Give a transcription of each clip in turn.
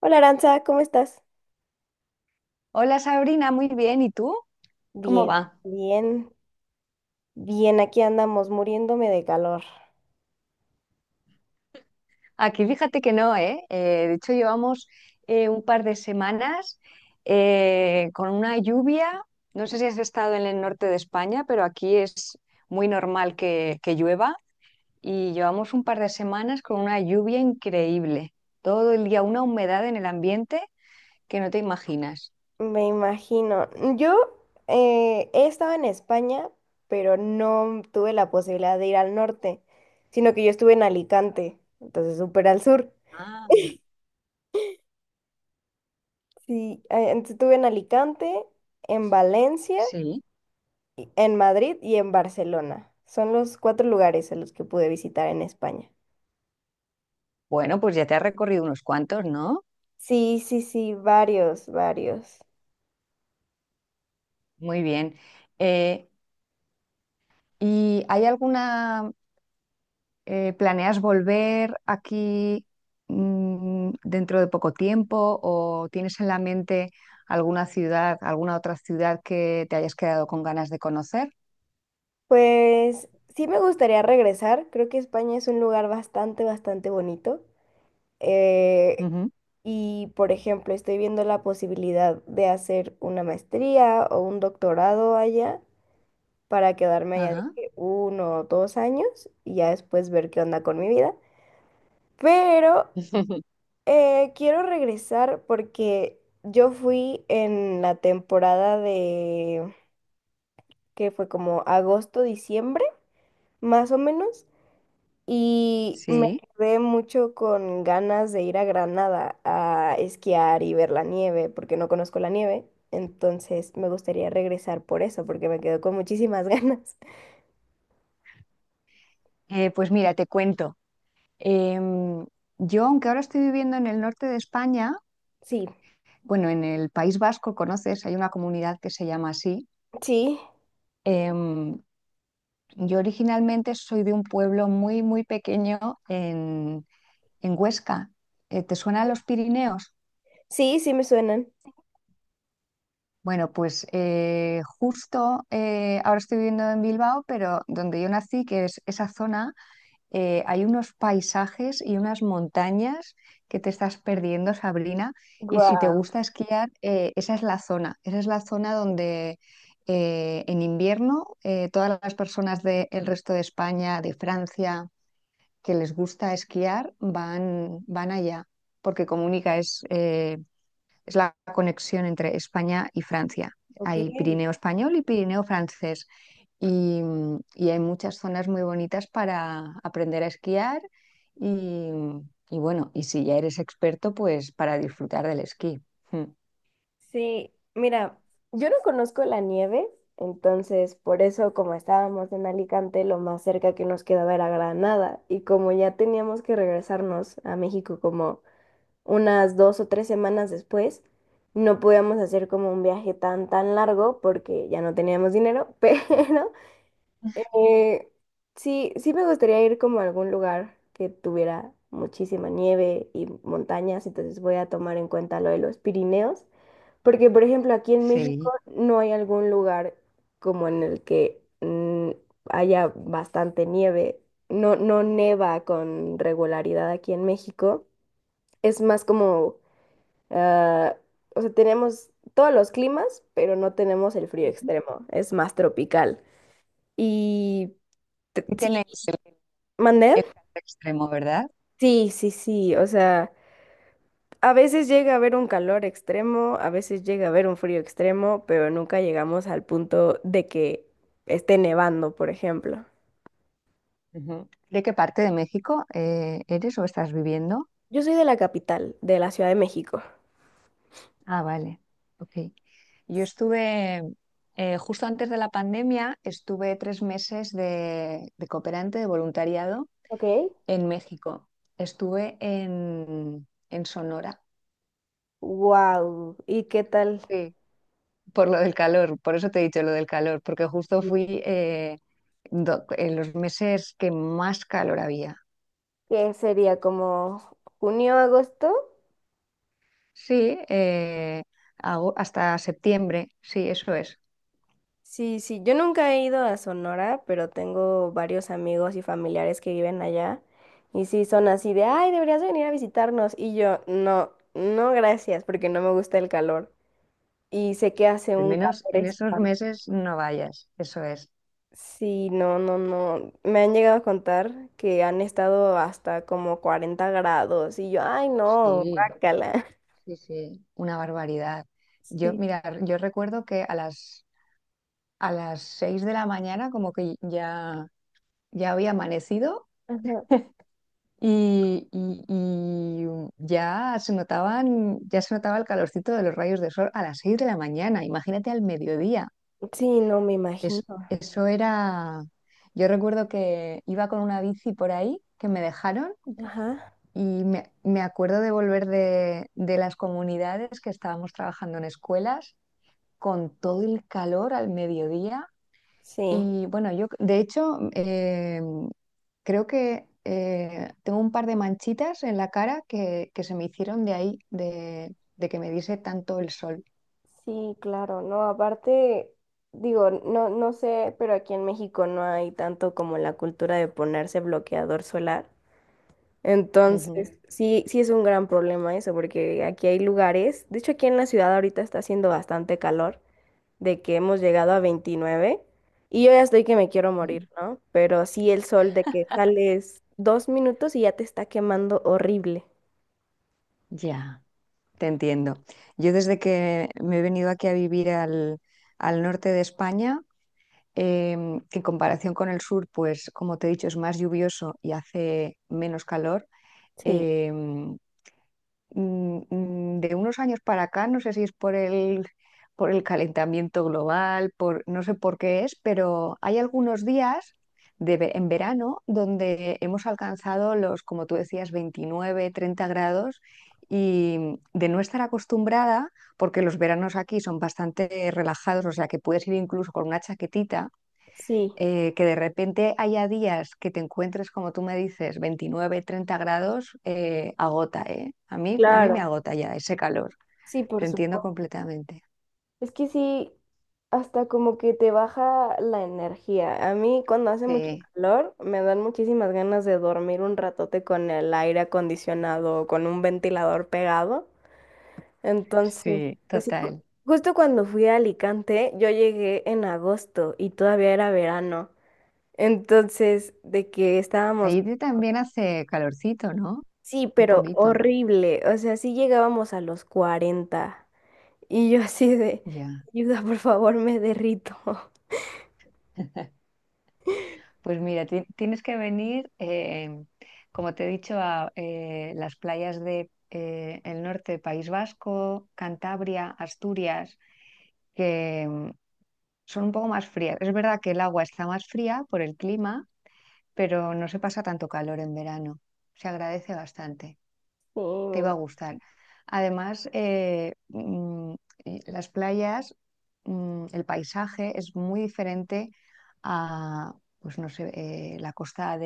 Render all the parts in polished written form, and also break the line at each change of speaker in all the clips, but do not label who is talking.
Hola Aranza, ¿cómo estás?
Hola Sabrina, muy bien. ¿Y tú? ¿Cómo
Bien,
va?
bien, bien, aquí andamos muriéndome de calor.
Aquí fíjate que no, ¿eh? De hecho, llevamos un par de semanas con una lluvia. No sé si has estado en el norte de España, pero aquí es muy normal que llueva y llevamos un par de semanas con una lluvia increíble. Todo el día una humedad en el ambiente que no te imaginas.
Me imagino. Yo he estado en España, pero no tuve la posibilidad de ir al norte, sino que yo estuve en Alicante, entonces súper al sur.
Ah.
Sí, entonces estuve en Alicante, en Valencia,
Sí.
en Madrid y en Barcelona. Son los cuatro lugares a los que pude visitar en España.
Bueno, pues ya te has recorrido unos cuantos, ¿no?
Sí, sí, sí, varios, varios.
Muy bien. Eh, ¿y hay alguna... ¿Planeas volver aquí dentro de poco tiempo o tienes en la mente alguna ciudad, alguna otra ciudad que te hayas quedado con ganas de conocer?
Pues sí me gustaría regresar. Creo que España es un lugar bastante, bastante bonito. Eh,
Ujú.
y, por ejemplo, estoy viendo la posibilidad de hacer una maestría o un doctorado allá para quedarme allá de
Ajá.
que 1 o 2 años y ya después ver qué onda con mi vida. Pero quiero regresar porque yo fui en la temporada de que fue como agosto, diciembre, más o menos. Y me
Sí.
quedé mucho con ganas de ir a Granada a esquiar y ver la nieve, porque no conozco la nieve. Entonces me gustaría regresar por eso, porque me quedo con muchísimas ganas.
Pues mira, te cuento. Em, yo, aunque ahora estoy viviendo en el norte de España,
Sí,
bueno, en el País Vasco, conoces, hay una comunidad que se llama así.
sí,
Em, yo originalmente soy de un pueblo muy, muy pequeño en Huesca. ¿Te suenan los Pirineos?
sí, sí me suenan.
Bueno, pues justo ahora estoy viviendo en Bilbao, pero donde yo nací, que es esa zona, hay unos paisajes y unas montañas que te estás perdiendo, Sabrina. Y si te
Guau,
gusta esquiar, esa es la zona. Esa es la zona donde en invierno todas las personas del resto de España, de Francia, que les gusta esquiar, van, van allá, porque comunica, es la conexión entre España y Francia.
Ok.
Hay Pirineo español y Pirineo francés. Y, y hay muchas zonas muy bonitas para aprender a esquiar y, y bueno, y si ya eres experto, pues para disfrutar del esquí. Mm,
Sí. Mira, yo no conozco la nieve, entonces por eso como estábamos en Alicante, lo más cerca que nos quedaba era Granada. Y como ya teníamos que regresarnos a México como unas 2 o 3 semanas después, no podíamos hacer como un viaje tan, tan largo porque ya no teníamos dinero, pero eh, sí, sí me gustaría ir como a algún lugar que tuviera muchísima nieve y montañas, entonces voy a tomar en cuenta lo de los Pirineos, porque por ejemplo aquí en
sí.
México no hay algún lugar como en el que haya bastante nieve, no, no neva con regularidad aquí en México. Es más como. Ah, o sea, tenemos todos los climas, pero no tenemos el frío
Ujú.
extremo, es más tropical. Y
Y
sí,
tenéis el,
¿mandé?
el calor extremo, ¿verdad?
Sí, sí, sí, o sea, a veces llega a haber un calor extremo, a veces llega a haber un frío extremo, pero nunca llegamos al punto de que esté nevando, por ejemplo.
Ujú. ¿De qué parte de México eres o estás viviendo?
Yo soy de la capital, de la Ciudad de México.
Ah, vale. Ok. Yo estuve, justo antes de la pandemia, estuve 3 meses de cooperante de voluntariado
Ok.
en México. Estuve en Sonora.
Wow, ¿y qué tal?
Sí. Por lo del calor, por eso te he dicho lo del calor, porque justo
Y
fui en los meses que más calor había.
¿qué sería como junio, agosto?
Sí, hasta septiembre, sí, eso es.
Sí, sí, yo nunca he ido a Sonora, pero tengo varios amigos y familiares que viven allá. Y sí, son así de, ay, deberías venir a visitarnos. Y yo, no, no, gracias, porque no me gusta el calor. Y sé que hace
Al
un calor
menos en esos
espantoso.
meses no vayas, eso es.
Sí, no, no, no. Me han llegado a contar que han estado hasta como 40 grados. Y yo, ay, no,
Sí.
guácala.
Sí, sí, una barbaridad. Yo,
Sí,
mira, yo recuerdo que a las 6 de la mañana como que ya había amanecido
ajá.
y ya se notaban, ya se notaba el calorcito de los rayos de sol a las 6 de la mañana. Imagínate al mediodía.
Sí, no me imagino.
Eso era. Yo recuerdo que iba con una bici por ahí que me dejaron
Ajá.
y me acuerdo de volver de las comunidades que estábamos trabajando en escuelas con todo el calor al mediodía.
Sí.
Y bueno, yo de hecho creo que tengo un par de manchitas en la cara que se me hicieron de ahí, de que me diese tanto el sol.
Sí, claro, no, aparte, digo, no, no sé, pero aquí en México no hay tanto como la cultura de ponerse bloqueador solar.
Ujú.
Entonces, sí, sí es un gran problema eso, porque aquí hay lugares, de hecho aquí en la ciudad ahorita está haciendo bastante calor, de que hemos llegado a 29. Y yo ya estoy que me quiero
Sí.
morir, ¿no? Pero sí el sol de que sales 2 minutos y ya te está quemando horrible.
Ya, te entiendo. Yo desde que me he venido aquí a vivir al norte de España, que en comparación con el sur, pues como te he dicho, es más lluvioso y hace menos calor.
Sí,
em, de unos años para acá, no sé si es por el calentamiento global, por, no sé por qué es, pero hay algunos días en verano donde hemos alcanzado los, como tú decías, 29, 30 grados y de no estar acostumbrada, porque los veranos aquí son bastante relajados, o sea que puedes ir incluso con una chaquetita
sí,
que de repente haya días que te encuentres, como tú me dices, 29, 30 grados, agota, ¿eh? A mí me
claro,
agota ya ese calor.
sí,
Te
por
entiendo
supuesto.
completamente.
Es que sí, hasta como que te baja la energía. A mí cuando hace mucho
Sí,
calor me dan muchísimas ganas de dormir un ratote con el aire acondicionado o con un ventilador pegado. Entonces,
sí,
pues sí,
total.
justo cuando fui a Alicante, yo llegué en agosto y todavía era verano. Entonces, de que estábamos,
Ahí también hace calorcito, ¿no?
sí,
Un
pero
poquito.
horrible. O sea, sí llegábamos a los 40 y yo así de,
Ya.
ayuda, por favor, me derrito.
Pues mira, tienes que venir, como te he dicho, a las playas de el norte, País Vasco, Cantabria, Asturias, que son un poco más frías. Es verdad que el agua está más fría por el clima, pero no se pasa tanto calor en verano. Se agradece bastante.
Sí,
Te iba
me
a gustar. Además, y las playas, el paisaje es muy diferente a, pues no sé, la costa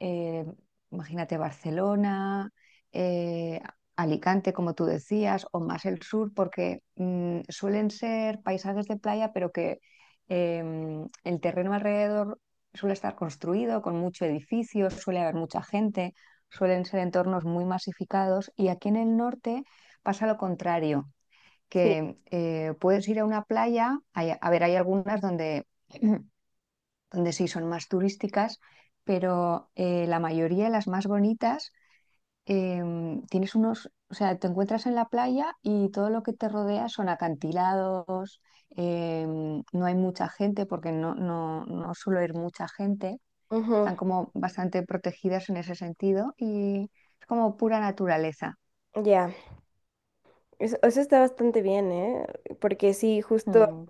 eh, imagínate Barcelona, eh, Alicante, como tú decías, o más el sur, porque suelen ser paisajes de playa, pero que el terreno alrededor suele estar construido con mucho edificio, suele haber mucha gente, suelen ser entornos muy masificados y aquí en el norte pasa lo contrario,
Sí,
que puedes ir a una playa, a ver, hay algunas donde... donde sí son más turísticas, pero la mayoría de las más bonitas, tienes unos, o sea, te encuentras en la playa y todo lo que te rodea son acantilados, no hay mucha gente porque no suele ir mucha gente,
ujú,
están como bastante protegidas en ese sentido y es como pura naturaleza.
ya. Eso está bastante bien, ¿eh? Porque sí, justo,
Mm,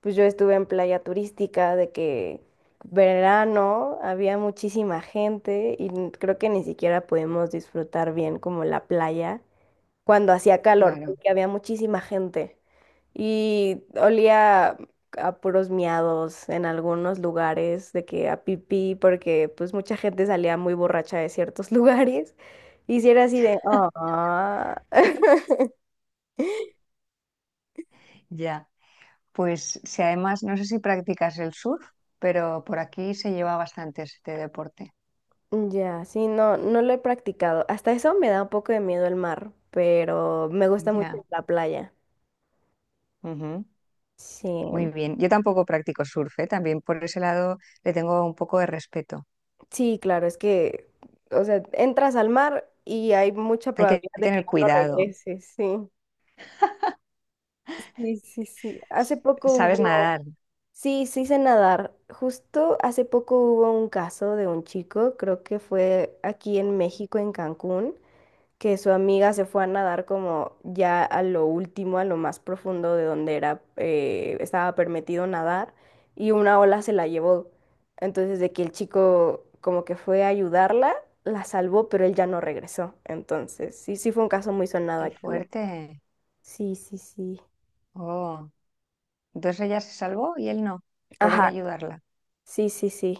pues yo estuve en playa turística de que verano había muchísima gente y creo que ni siquiera pudimos disfrutar bien como la playa cuando hacía calor,
claro.
porque había muchísima gente y olía a puros miados en algunos lugares, de que a pipí, porque pues mucha gente salía muy borracha de ciertos lugares. Y si era así de, "Ah".
Ya. Pues si además, no sé si practicas el surf, pero por aquí se lleva bastante este deporte.
Ya, sí, no, no lo he practicado. Hasta eso me da un poco de miedo el mar, pero me gusta mucho
Ya.
la playa.
Ujú.
Sí,
Muy bien. Yo tampoco practico surf, ¿eh? También por ese lado le tengo un poco de respeto.
sí, claro, es que, o sea, entras al mar y hay mucha
Hay que
probabilidad de que
tener
ya no
cuidado.
regreses, sí. Sí, sí, sí.
S-
Hace poco
¿Sabes
hubo,
nadar?
sí, sí sé nadar. Justo hace poco hubo un caso de un chico, creo que fue aquí en México, en Cancún. Que su amiga se fue a nadar como ya a lo último, a lo más profundo de donde era, estaba permitido nadar, y una ola se la llevó. Entonces, de que el chico como que fue a ayudarla, la salvó, pero él ya no regresó. Entonces, sí, sí fue un caso muy sonado
Qué
aquí en México.
fuerte.
Sí, sí, sí.
Oh. Entonces ella se salvó y él no, por ir a
Ajá,
ayudarla.
sí, sí, sí.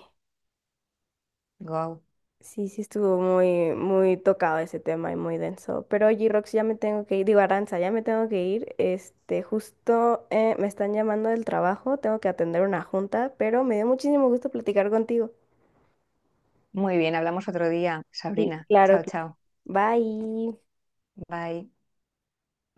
Guau.
Sí, sí estuvo muy, muy tocado ese tema y muy denso. Pero oye, Rox, ya me tengo que ir, digo, Aranza, ya me tengo que ir. Este, justo me están llamando del trabajo, tengo que atender una junta, pero me dio muchísimo gusto platicar contigo.
Muy bien, hablamos otro día,
Sí,
Sabrina.
claro
Chao,
que.
chao.
Bye.
Bye.